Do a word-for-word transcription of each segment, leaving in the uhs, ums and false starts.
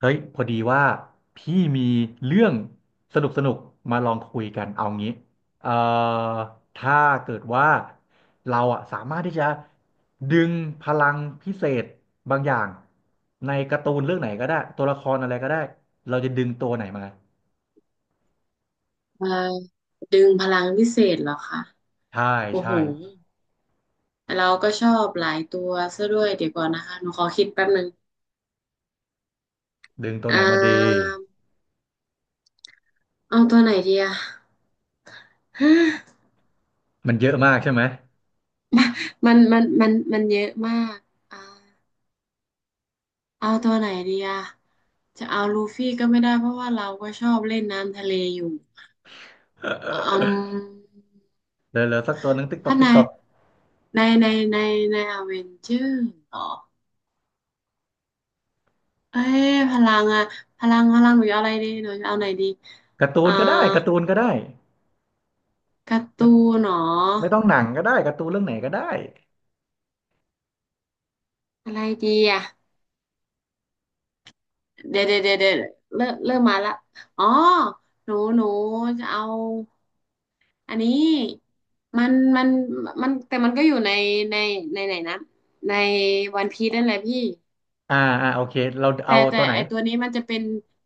เฮ้ยพอดีว่าพี่มีเรื่องสนุกสนุกมาลองคุยกันเอางี้เอ่อถ้าเกิดว่าเราอะสามารถที่จะดึงพลังพิเศษบางอย่างในการ์ตูนเรื่องไหนก็ได้ตัวละครอะไรก็ได้เราจะดึงตัวไหนมาเอ่อดึงพลังวิเศษเหรอคะใช่โอ้โหใช่เราก็ชอบหลายตัวซะด้วยเดี๋ยวก่อนนะคะหนูขอคิดแป๊บนึงดึงตัวอ่ไหนมาดีาเอาตัวไหนดีอะ มันเยอะมากใช่ไหม มันมันมันมันเยอะมากอ่าเอาตัวไหนดีอะจะเอาลูฟี่ก็ไม่ได้เพราะว่าเราก็ชอบเล่นน้ำทะเลอยู่อื มเหลือเหลือสักตัวหนึ่งติ๊กตอกถ้าในติ๊กตอกในในในในอเวนเจอร์หรอเอ้ยพลังอะพลังพลังหนูจะเอาอะไรดีหนูจะเอาไหนดีการ์ตูอ่า นก็ได้การ์ตูนก็ได้การ์ตูไม่นเนาะไม่ต้องหนังก็ได้การ์ตูนเรื่องไหนก็ได้ อะไรดีอ่ะเดี๋ยวเดี๋ยวเดี๋ยวเดี๋ยวเริ่มเริ่มมาละอ๋อหนูหนูจะเอาอันนี้มันมันมันแต่มันก็อยู่ในในในไหนนะในวันพีซนั่นแหละพี่อ่าอ่าโอเคเราแต่เอาแต่ตัวไหนไอตัวนี้มันจะเป็น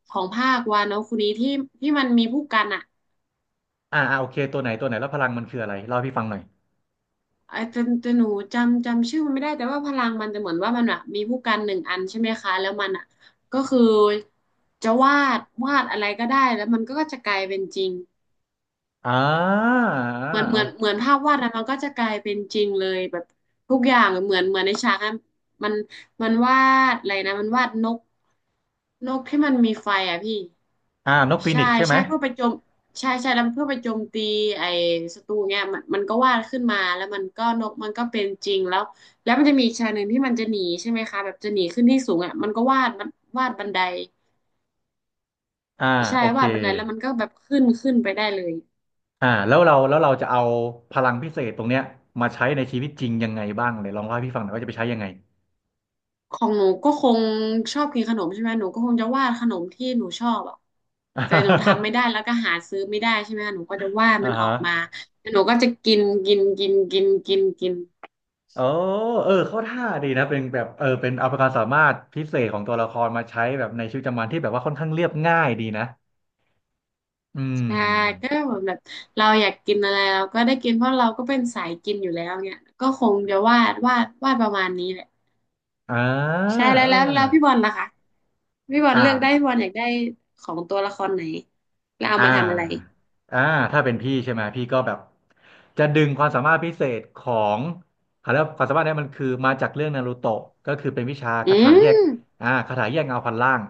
ของภาควาโนะคุนี้ที่ที่มันมีผู้กันอะ อ่าอ่าโอเคตัวไหนตัวไหนแล้วพลังมันคืออะไรเล่าให้พี่ฟังหน่อยไอ้แต่แต่หนูจำจำชื่อมันไม่ได้แต่ว่าพลังมันจะเหมือนว่ามันอะมีผู้กันหนึ่งอันใช่ไหมคะแล้วมันอะก็คือจะวาดวาดอะไรก็ได้แล้วมันก็จะกลายเป็นจริงอ่าอ่าเหมือนเหเอามือนเหมือนภาพวาดนะมันก็จะกลายเป็นจริงเลยแบบทุกอย่างเหมือนเหมือนในฉากนั้นมันมันวาดอะไรนะมันวาดนกนกที่มันมีไฟอะพี่ อ่านกฟีใช่นิกซ์ใช่ไหมใช่เพื่อไปโจมใช่ใช่แล้วเพื่อไปโจมตีไอ้ศัตรูเนี่ยมันมันก็วาดขึ้นมาแล้วมันก็นกมันก็เป็นจริงแล้วแล้วมันจะมีฉากหนึ่งที่มันจะหนีใช่ไหมคะแบบจะหนีขึ้นที่สูงอ่ะมันก็วาดมันวาดบันไดอ่าใช่โอเควาดบันไดแล้วมันก็แบบขึ้นขึ้นไปได้เลยอ่าแล้วเราแล้วเราจะเอาพลังพิเศษตรงเนี้ยมาใช้ในชีวิตจริงยังไงบ้างเลยลองเล่าให้พี่ฟังหน่อยว่าจะไปใช้ยังไง ของหนูก็คงชอบกินขนมใช่ไหมหนูก็คงจะวาดขนมที่หนูชอบอ่ะ แต่หนูทำอไม่ได้แล้วก็หาซื้อไม่ได้ใช่ไหมหนูก็จะวาด่ามันออฮะกมาแล้วหนูก็จะกินกินกินกินกินกิน โอ้เออเข้าท่าดีนะเป็นแบบเออเป็นเอาความสามารถพิเศษของตัวละครมาใช้แบบในชีวิตประจำวันที่แบบว่าค่อนข้างเรียบง่ายดีนะอืมใช่ก็แบบเราอยากกินอะไรเราก็ได้กินเพราะเราก็เป็นสายกินอยู่แล้วเนี่ยก็คงจะวาดวาดวาดประมาณนี้แหละอ่าใช่แล้เอวอแล้วแล้วพี่บอลล่ะคะพี่บอลอ่า เลือกได้พี่บอลอยากได้ของตัวละครไหนแล้วเอาอ่ามาทำอะไรอ่าถ้าเป็นพี่ใช่ไหมพี่ก็แบบจะดึงความสามารถพิเศษของเขาเรียกว่าความสามารถเนี้มันคือมาจากเรื่องนารูโตะก็คือเป็นวิชาอืคาถามแยกอ่าคาถาแยกเงาพันล่าง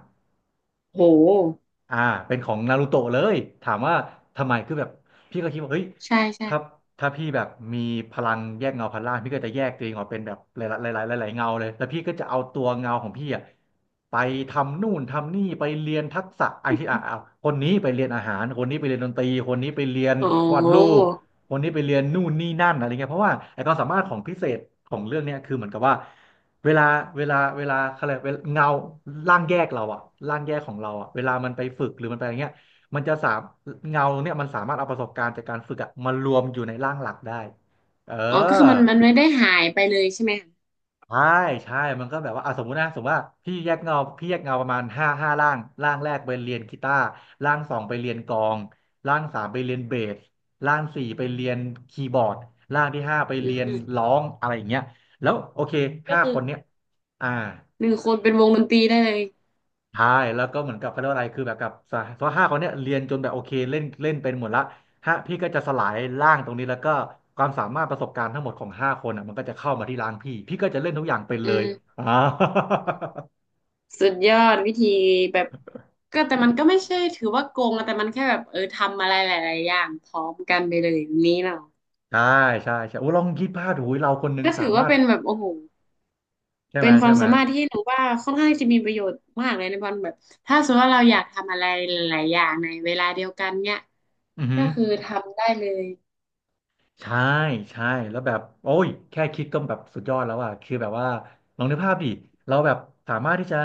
โหอ่าเป็นของนารูโตะเลยถามว่าทำไมคือแบบพี่ก็คิดว่าเฮ้ยใช่ใช่ถ้าถ้าพี่แบบมีพลังแยกเงาพันล่างพี่ก็จะแยกตัวเองออกเป็นแบบหลายๆหลายๆหลายๆเงาเลยแล้วพี่ก็จะเอาตัวเงาของพี่อ่ะไปทำนู่นทำนี่ไปเรียนทักษะไอ้ที่อ่ะอ่ะคนนี้ไปเรียนอาหารคนนี้ไปเรียนดนตรีคนนี้ไปเรียนอ๋วาดรูอปคนนี้ไปเรียนนู่นนี่นั่นอะไรเงี้ยเพราะว่าไอ้ความสามารถของพิเศษของเรื่องเนี้ยคือเหมือนกับว่า เวลาเวลาเวลาเขาเรียกเวลาเงาร่างแยกเราอะร่างแยกของเราอะเวลามันไปฝึกหรือมันไปอะไรเงี้ยมันจะสามเงาเนี่ยมันสามารถเอาประสบการณ์จากการฝึกอะมารวมอยู่ในร่างหลักได้เอออ๋อก็คือมันมันไม่ได้หายไปเลยใช่ไหมคะใช่ใช่มันก็แบบว่าอ่ะสมมตินะสมมติว่าพี่แยกเงาพี่แยกเงาประมาณห้าห้าร่างร่างแรกไปเรียนกีตาร์ร่างสองไปเรียนกลองร่างสามไปเรียนเบสร่างสี่ไปเรียนคีย์บอร์ดร่างที่ห้าไปอืเรียนมร้องอะไรอย่างเงี้ยแล้วโอเคก็ห้าคืคอนเนี้ยอ่า หนึ่งคนเป็นวงดนตรีได้เลยใช่แล้วก็เหมือนกับเขาเรียกว่าอะไรคือแบบกับสหเพราะห้าคนเนี้ยเรียนจนแบบโอเคเล่นเล่นเป็นหมดละฮะพี่ก็จะสลายร่างตรงนี้แล้วก็ความสามารถประสบการณ์ทั้งหมดของห้าคนอ่ะมันก็จะเข้ามาที่ร่างพี่พี่ก็จะเล่นทุกอย่างเป็นอืเลยม อ่า สุดยอดวิธีแบบก็แต่มันก็ไม่ใช่ถือว่าโกงนะแต่มันแค่แบบเออทำอะไรหลายๆอย่างพร้อมกันไปเลยอย่างนี้เนาะใช่ใช่ใช่โอ้ลองคิดภาพดูอุ๊ยเราคนหนึงก็สาถือว่ามารถเป็นแบบโอ้โหใช่เป็ไหมนควาใช่มไหมสามารถที่หนูว่าค่อนข้างที่จะมีประโยชน์มากเลยในวันแบบถ้าสมมติว่าเราอยากทำอะไรหลายๆอย่างในเวลาเดียวกันเนี่ยอือหืก็อ คือทำได้เลยใช่ใช่แล้วแบบโอ้ยแค่คิดก็แบบสุดยอดแล้วอ่ะคือแบบว่าลองนึกภาพดิเราแบบสามารถที่จะ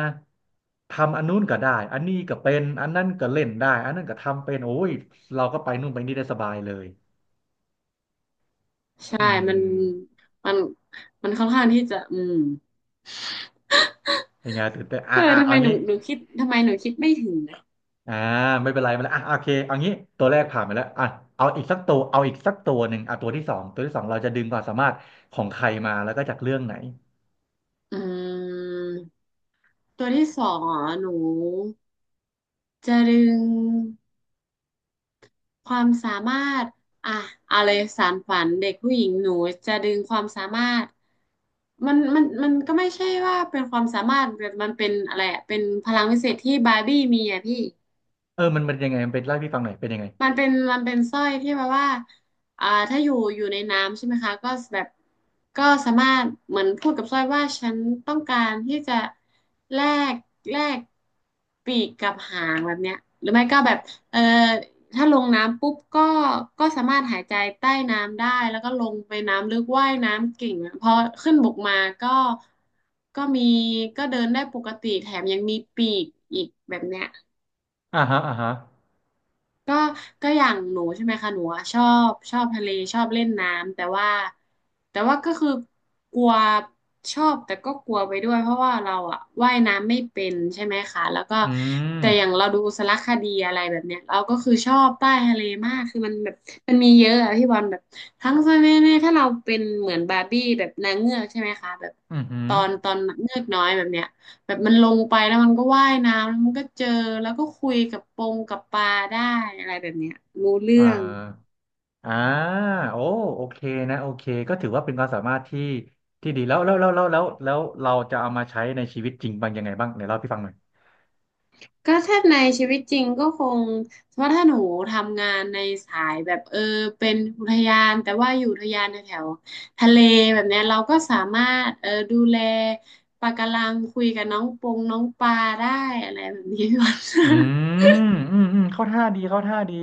ทำอันนู้นก็ได้อันนี้ก็เป็นอันนั้นก็เล่นได้อันนั้นก็ทำเป็นโอ้ยเราก็ไปนู่นไปนี่ได้สบายเลยใช่อืมันมมันมันค่อนข้างที่จะอืมเป็นไงตื่นเต้นเออ่ะออ่ะทำเอาไมหนูงี้หนูคิดทำไมหนูคิดไม่ถึงนะอ่าไม่เป็นไรไม่เป็นไรอ่ะโอเคเอางี้ตัวแรกผ่านไปแล้วอ่ะเอาอีกสักตัวเอาอีกสักตัวหนึ่งอ่ะตัวที่สองตัวที่สองเราจะดึงความสามารถของใครมาแล้วก็จากเรื่องไหนอืมตัวที่สองอ๋อหนู จะดึงความสามารถอ่ะอะไรสานฝันเด็กผู้หญิงหนูจะดึงความสามารถมันมันมันก็ไม่ใช่ว่าเป็นความสามารถแบบมันเป็นอะไรอะเป็นพลังวิเศษที่บาร์บี้มีอ่ะพี่ เออมันเป็นยังไงมันเป็นเล่าให้พี่ฟังหน่อยเป็นยังไงมันเป็นมันเป็นสร้อยที่แบบว่าอ่า ถ้าอยู่อยู่ในน้ำใช่ไหมคะก็แบบก็สามารถเหมือนพูดกับสร้อยว่าฉันต้องการที่จะแลกแลกปีกกับหางแบบเนี้ยหรือไม่ก็แบบเออถ้าลงน้ำปุ๊บก็ก็สามารถหายใจใต้น้ำได้ แล้วก็ลงไปน้ำลึกว่ายน้ำเก่งอะพอขึ้นบกมาก็ก็มีก็เดินได้ปกติแถมยังมีปีกอีกแบบเนี้ย อ่าฮะอ่าฮะก็ก็อย่างหนูใช่ไหมคะหนูอะชอบชอบทะเลชอบเล่นน้ำแต่ว่าแต่ว่าก็คือกลัวชอบแต่ก็กลัวไปด้วยเพราะว่าเราอะว่ายน้ำไม่เป็นใช่ไหมคะแล้วก็อืม แต่อย่างเราดูสารคดีอะไรแบบเนี้ยเราก็คือชอบใต้ทะเลมากคือมันแบบมันมีเยอะอะพี่บอลแบบทั้งสมัยเนี่ยถ้าเราเป็นเหมือนบาร์บี้แบบนางเงือกใช่ไหมคะแบบอือหือตอนตอนเงือกน้อยแบบเนี้ย แบบมันลงไปแล้วมันก็ว่ายน้ำแล้วมันก็เจอแล้วก็คุยกับปงกับปลาได้อะไรแบบเนี้ยรู้เรื่เอ่อองอ่าโอ้โอเคนะโอเค ก็ถือว่าเป็นความสามารถที่ที่ดีแล้วแล้วแล้วแล้วแล้วแล้วเราจะเอามาใช้ในชีวิตจริงบ้างยังไงบ้างไหนเล่าให้พี่ฟังหน่อยก็ถ้าในชีวิตจริงก็คงเพราะถ้าหนูทำงานในสายแบบเออเป็นอุทยานแต่ว่าอยู่อุทยานแถวๆทะเลแบบเนี้ยเราก็สามารถเออดูแลปะการังคุยกับน้องปงน้องปลาได้อะไรแบบนี้ พี่บอล อืม อืมอืมเข้าท่าดีเข้าท่าดี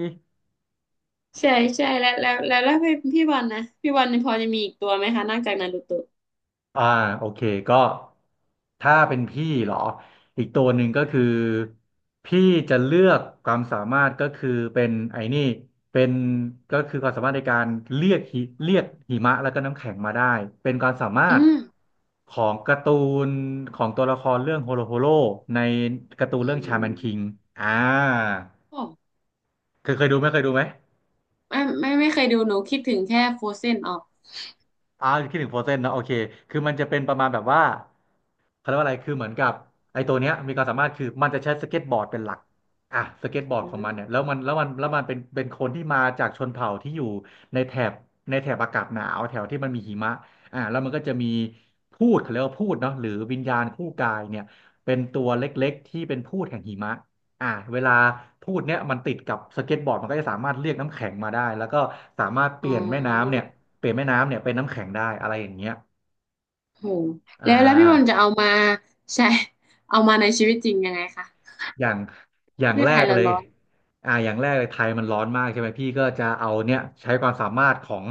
ใช่ใช่แล้วแล้วแล้วแล้วพี่พี่บอลนะพี่บอลพอจะมีอีกตัวไหมคะนอกจากนารูโตะอ่าโอเคก็ถ้าเป็นพี่เหรออีกตัวหนึ่งก็คือพี่จะเลือกความสามารถก็คือเป็นไอ้นี่เป็นก็คือความสามารถในการเรียกหิเรียกหิมะแล้วก็น้ำแข็งมาได้เป็นความสามาอืรถมของการ์ตูนของตัวละครเรื่องโฮโลโฮโลในการ์ตูนอเรื่องชาแมนคิืงอ่าม เคยเคยดูไหมเคยดูไหม ไม่ไม่ไม่เคยดูหนูคิดถึงแค่โฟเซนออกอ่าคิดถึงโฟเซนเนาะโอเค คือมันจะเป็นประมาณแบบว่าเขาเรียกว่าอะไรคือเหมือนกับไอ้ตัวเนี้ยมีความสามารถคือมันจะใช้สเก็ตบอร์ดเป็นหลักอ่ะสเก็ตบอร์ดอืของมันมเนี่ยแล้วมันแล้วมันแล้วมันเป็นเป็นคนที่มาจากชนเผ่าที่อยู่ในแถบในแถบอากาศหนาวแถวที่มันมีหิมะอ่าแล้วมันก็จะมีพูดเขาเรียกว่าพูดเนาะหรือวิญญาณคู่กายเนี่ยเป็นตัวเล็กๆ ที่เป็นพูดแห่งหิมะอ่าเวลาพูดเนี่ยมันติดกับสเก็ตบอร์ดมันก็จะสามารถเรียกน้ำแข็งมาได้แล้วก็สามารถเปอ๋อลี่ยนแม่น้ำเนี่ย เปลี่ยนแม่น้ำเนี่ยเป็นน้ำแข็งได้อะไรอย่างเงี้ยโหอ่แล้วแล้วพี่บอลจะาเอามาใช้เอามาในชีวิตจริงยังไงคะอย่างอปย่าระงเทศแรไทยกเราเลยร้อน อ่าอย่างแรกเลยไทยมันร้อนมากใช่ไหมพี่ก็จะเอาเนี่ยใช้ความสามารถของ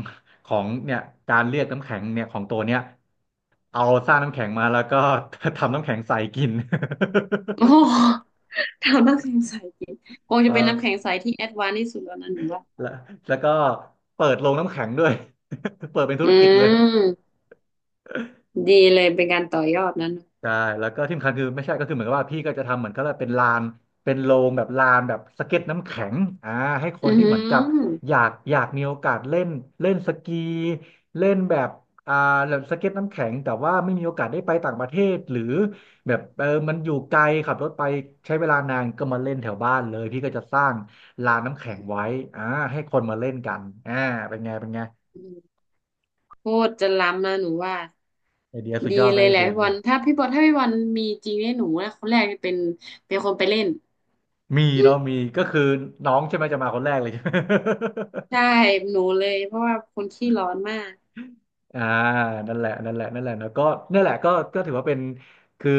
ของเนี่ยการเรียกน้ำแข็งเนี่ยของตัวเนี้ยเอาสร้างน้ำแข็งมาแล้วก็ ทำน้ำแข็งใส่กิน โอ้โห ทำน้ำแข็งใสกินคงเอจะอเป็นน้ำแข็งใสที่แอดวานซ์ที่สุดแล้วนะหนูว่าแล้วแล้วก็เปิดโรงน้ำแข็งด้วย เปิดเป็นธุอืรกิจเลย มดีเลยเป็นการต่อยอดนั้นใช่แล้วก็ที่สำคัญคือไม่ใช่ก็คือเหมือนกับว่าพี่ก็จะทำเหมือนก็เป็นลานเป็นโรงแบบลานแบบสเก็ตน้ำแข็งอ่าให้คอืนอที่หืเหมือนกับออยากอยากมีโอกาสเล่นเล่นสกีเล่นแบบอ่าแบบสเก็ตน้ำแข็งแต่ว่าไม่มีโอกาสได้ไปต่างประเทศหรือแบบเออมันอยู่ไกลขับรถไปใช้เวลานานก็มาเล่นแถวบ้านเลยพี่ก็จะสร้างลานน้ำแข็งไว้อ่าให้คนมาเล่นกันอ่าเป็นไงเป็นไงโคตรจะล้ำนะหนูว่าไอเดียสุดดียอดไปเลยไอแหละเดียพี่บเลอลย ถ้าพี่บอลถ้าพี่บอลมีจริงเนี่ยหนูนะคนแรกจะเป็นเป็นคนไปเล่น มีเนาะมีก็คือน้องใช่ไหมจะมาคนแรกเลย ใช่ไหม ใช่ หนูเลยเพราะว่าคนขี้ร้อนมากอ่านั่นแหละนั่นแหละนั่นแหละเนอะก็นั่นแหละก็ก็ถือว่าเป็นคือ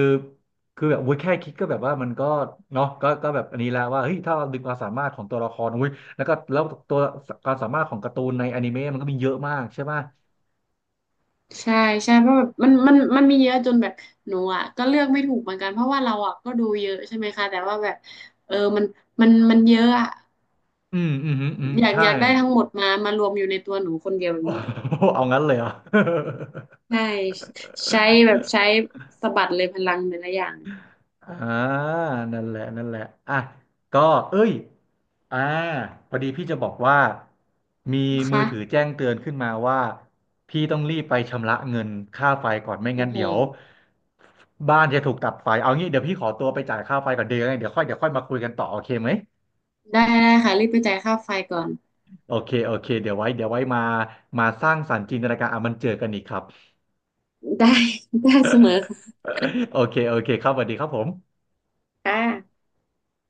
คือแบบอุ้ยแค่คิดก็แบบว่ามันก็เนาะก็ก็แบบอันนี้แล้วว่าเฮ้ยถ้าเราดึงความสามารถของตัวละครอุ้ยแล้วก็แล้วตัวความสามารถของการ์ตูนในอนิเมะมันก็มีเยอะมากใช่ป่ะใช่ใช่เพราะแบบมันมันมันมีเยอะจนแบบหนูอ่ะก็เลือกไม่ถูกเหมือนกันเพราะว่าเราอ่ะก็ดูเยอะใช่ไหมคะแต่ว่าแบบเออมันมันมันเยอะอ่ะอืมอืมอืมอืมอยากใช่ อยากได้ทั้งหมดมามารวมอยู่ในตัวหนูคนเดียวแบบนี้เลย โอ้โหเอางั้นเลยเหรอ ใช่ใช้แบบใช้ สะบัดเลยพลังแต่ละอย่างอ่านั่นแหละนั่นแหละอ่ะก็เอ้ยอ่าพอดีพี่จะบอกว่ามีมือถือค่ะแจ้งเตือนขึ้นมาว่าพี่ต้องรีบไปชำระเงินค่าไฟก่อนไม่งั้โอ้นโหเดี๋ยวบ้านจะถูกตัดไฟเอางี้เดี๋ยวพี่ขอตัวไปจ่ายค่าไฟก่อนเดี๋ยวยังไงเดี๋ยวค่อยเดี๋ยวค่อยมาคุยกันต่อโอเคไหมได้ได้ค่ะรีบไปจ่ายค่าไฟก่อนโอเคโอเคเดี๋ยวไว้เดี๋ยวไว้มามาสร้างสรรค์จินตนาการอ่ะมันเจอกันอีกครับ ได้ได้เสมอ โอเคโอเคครับสวัสดีครับผมค่ะ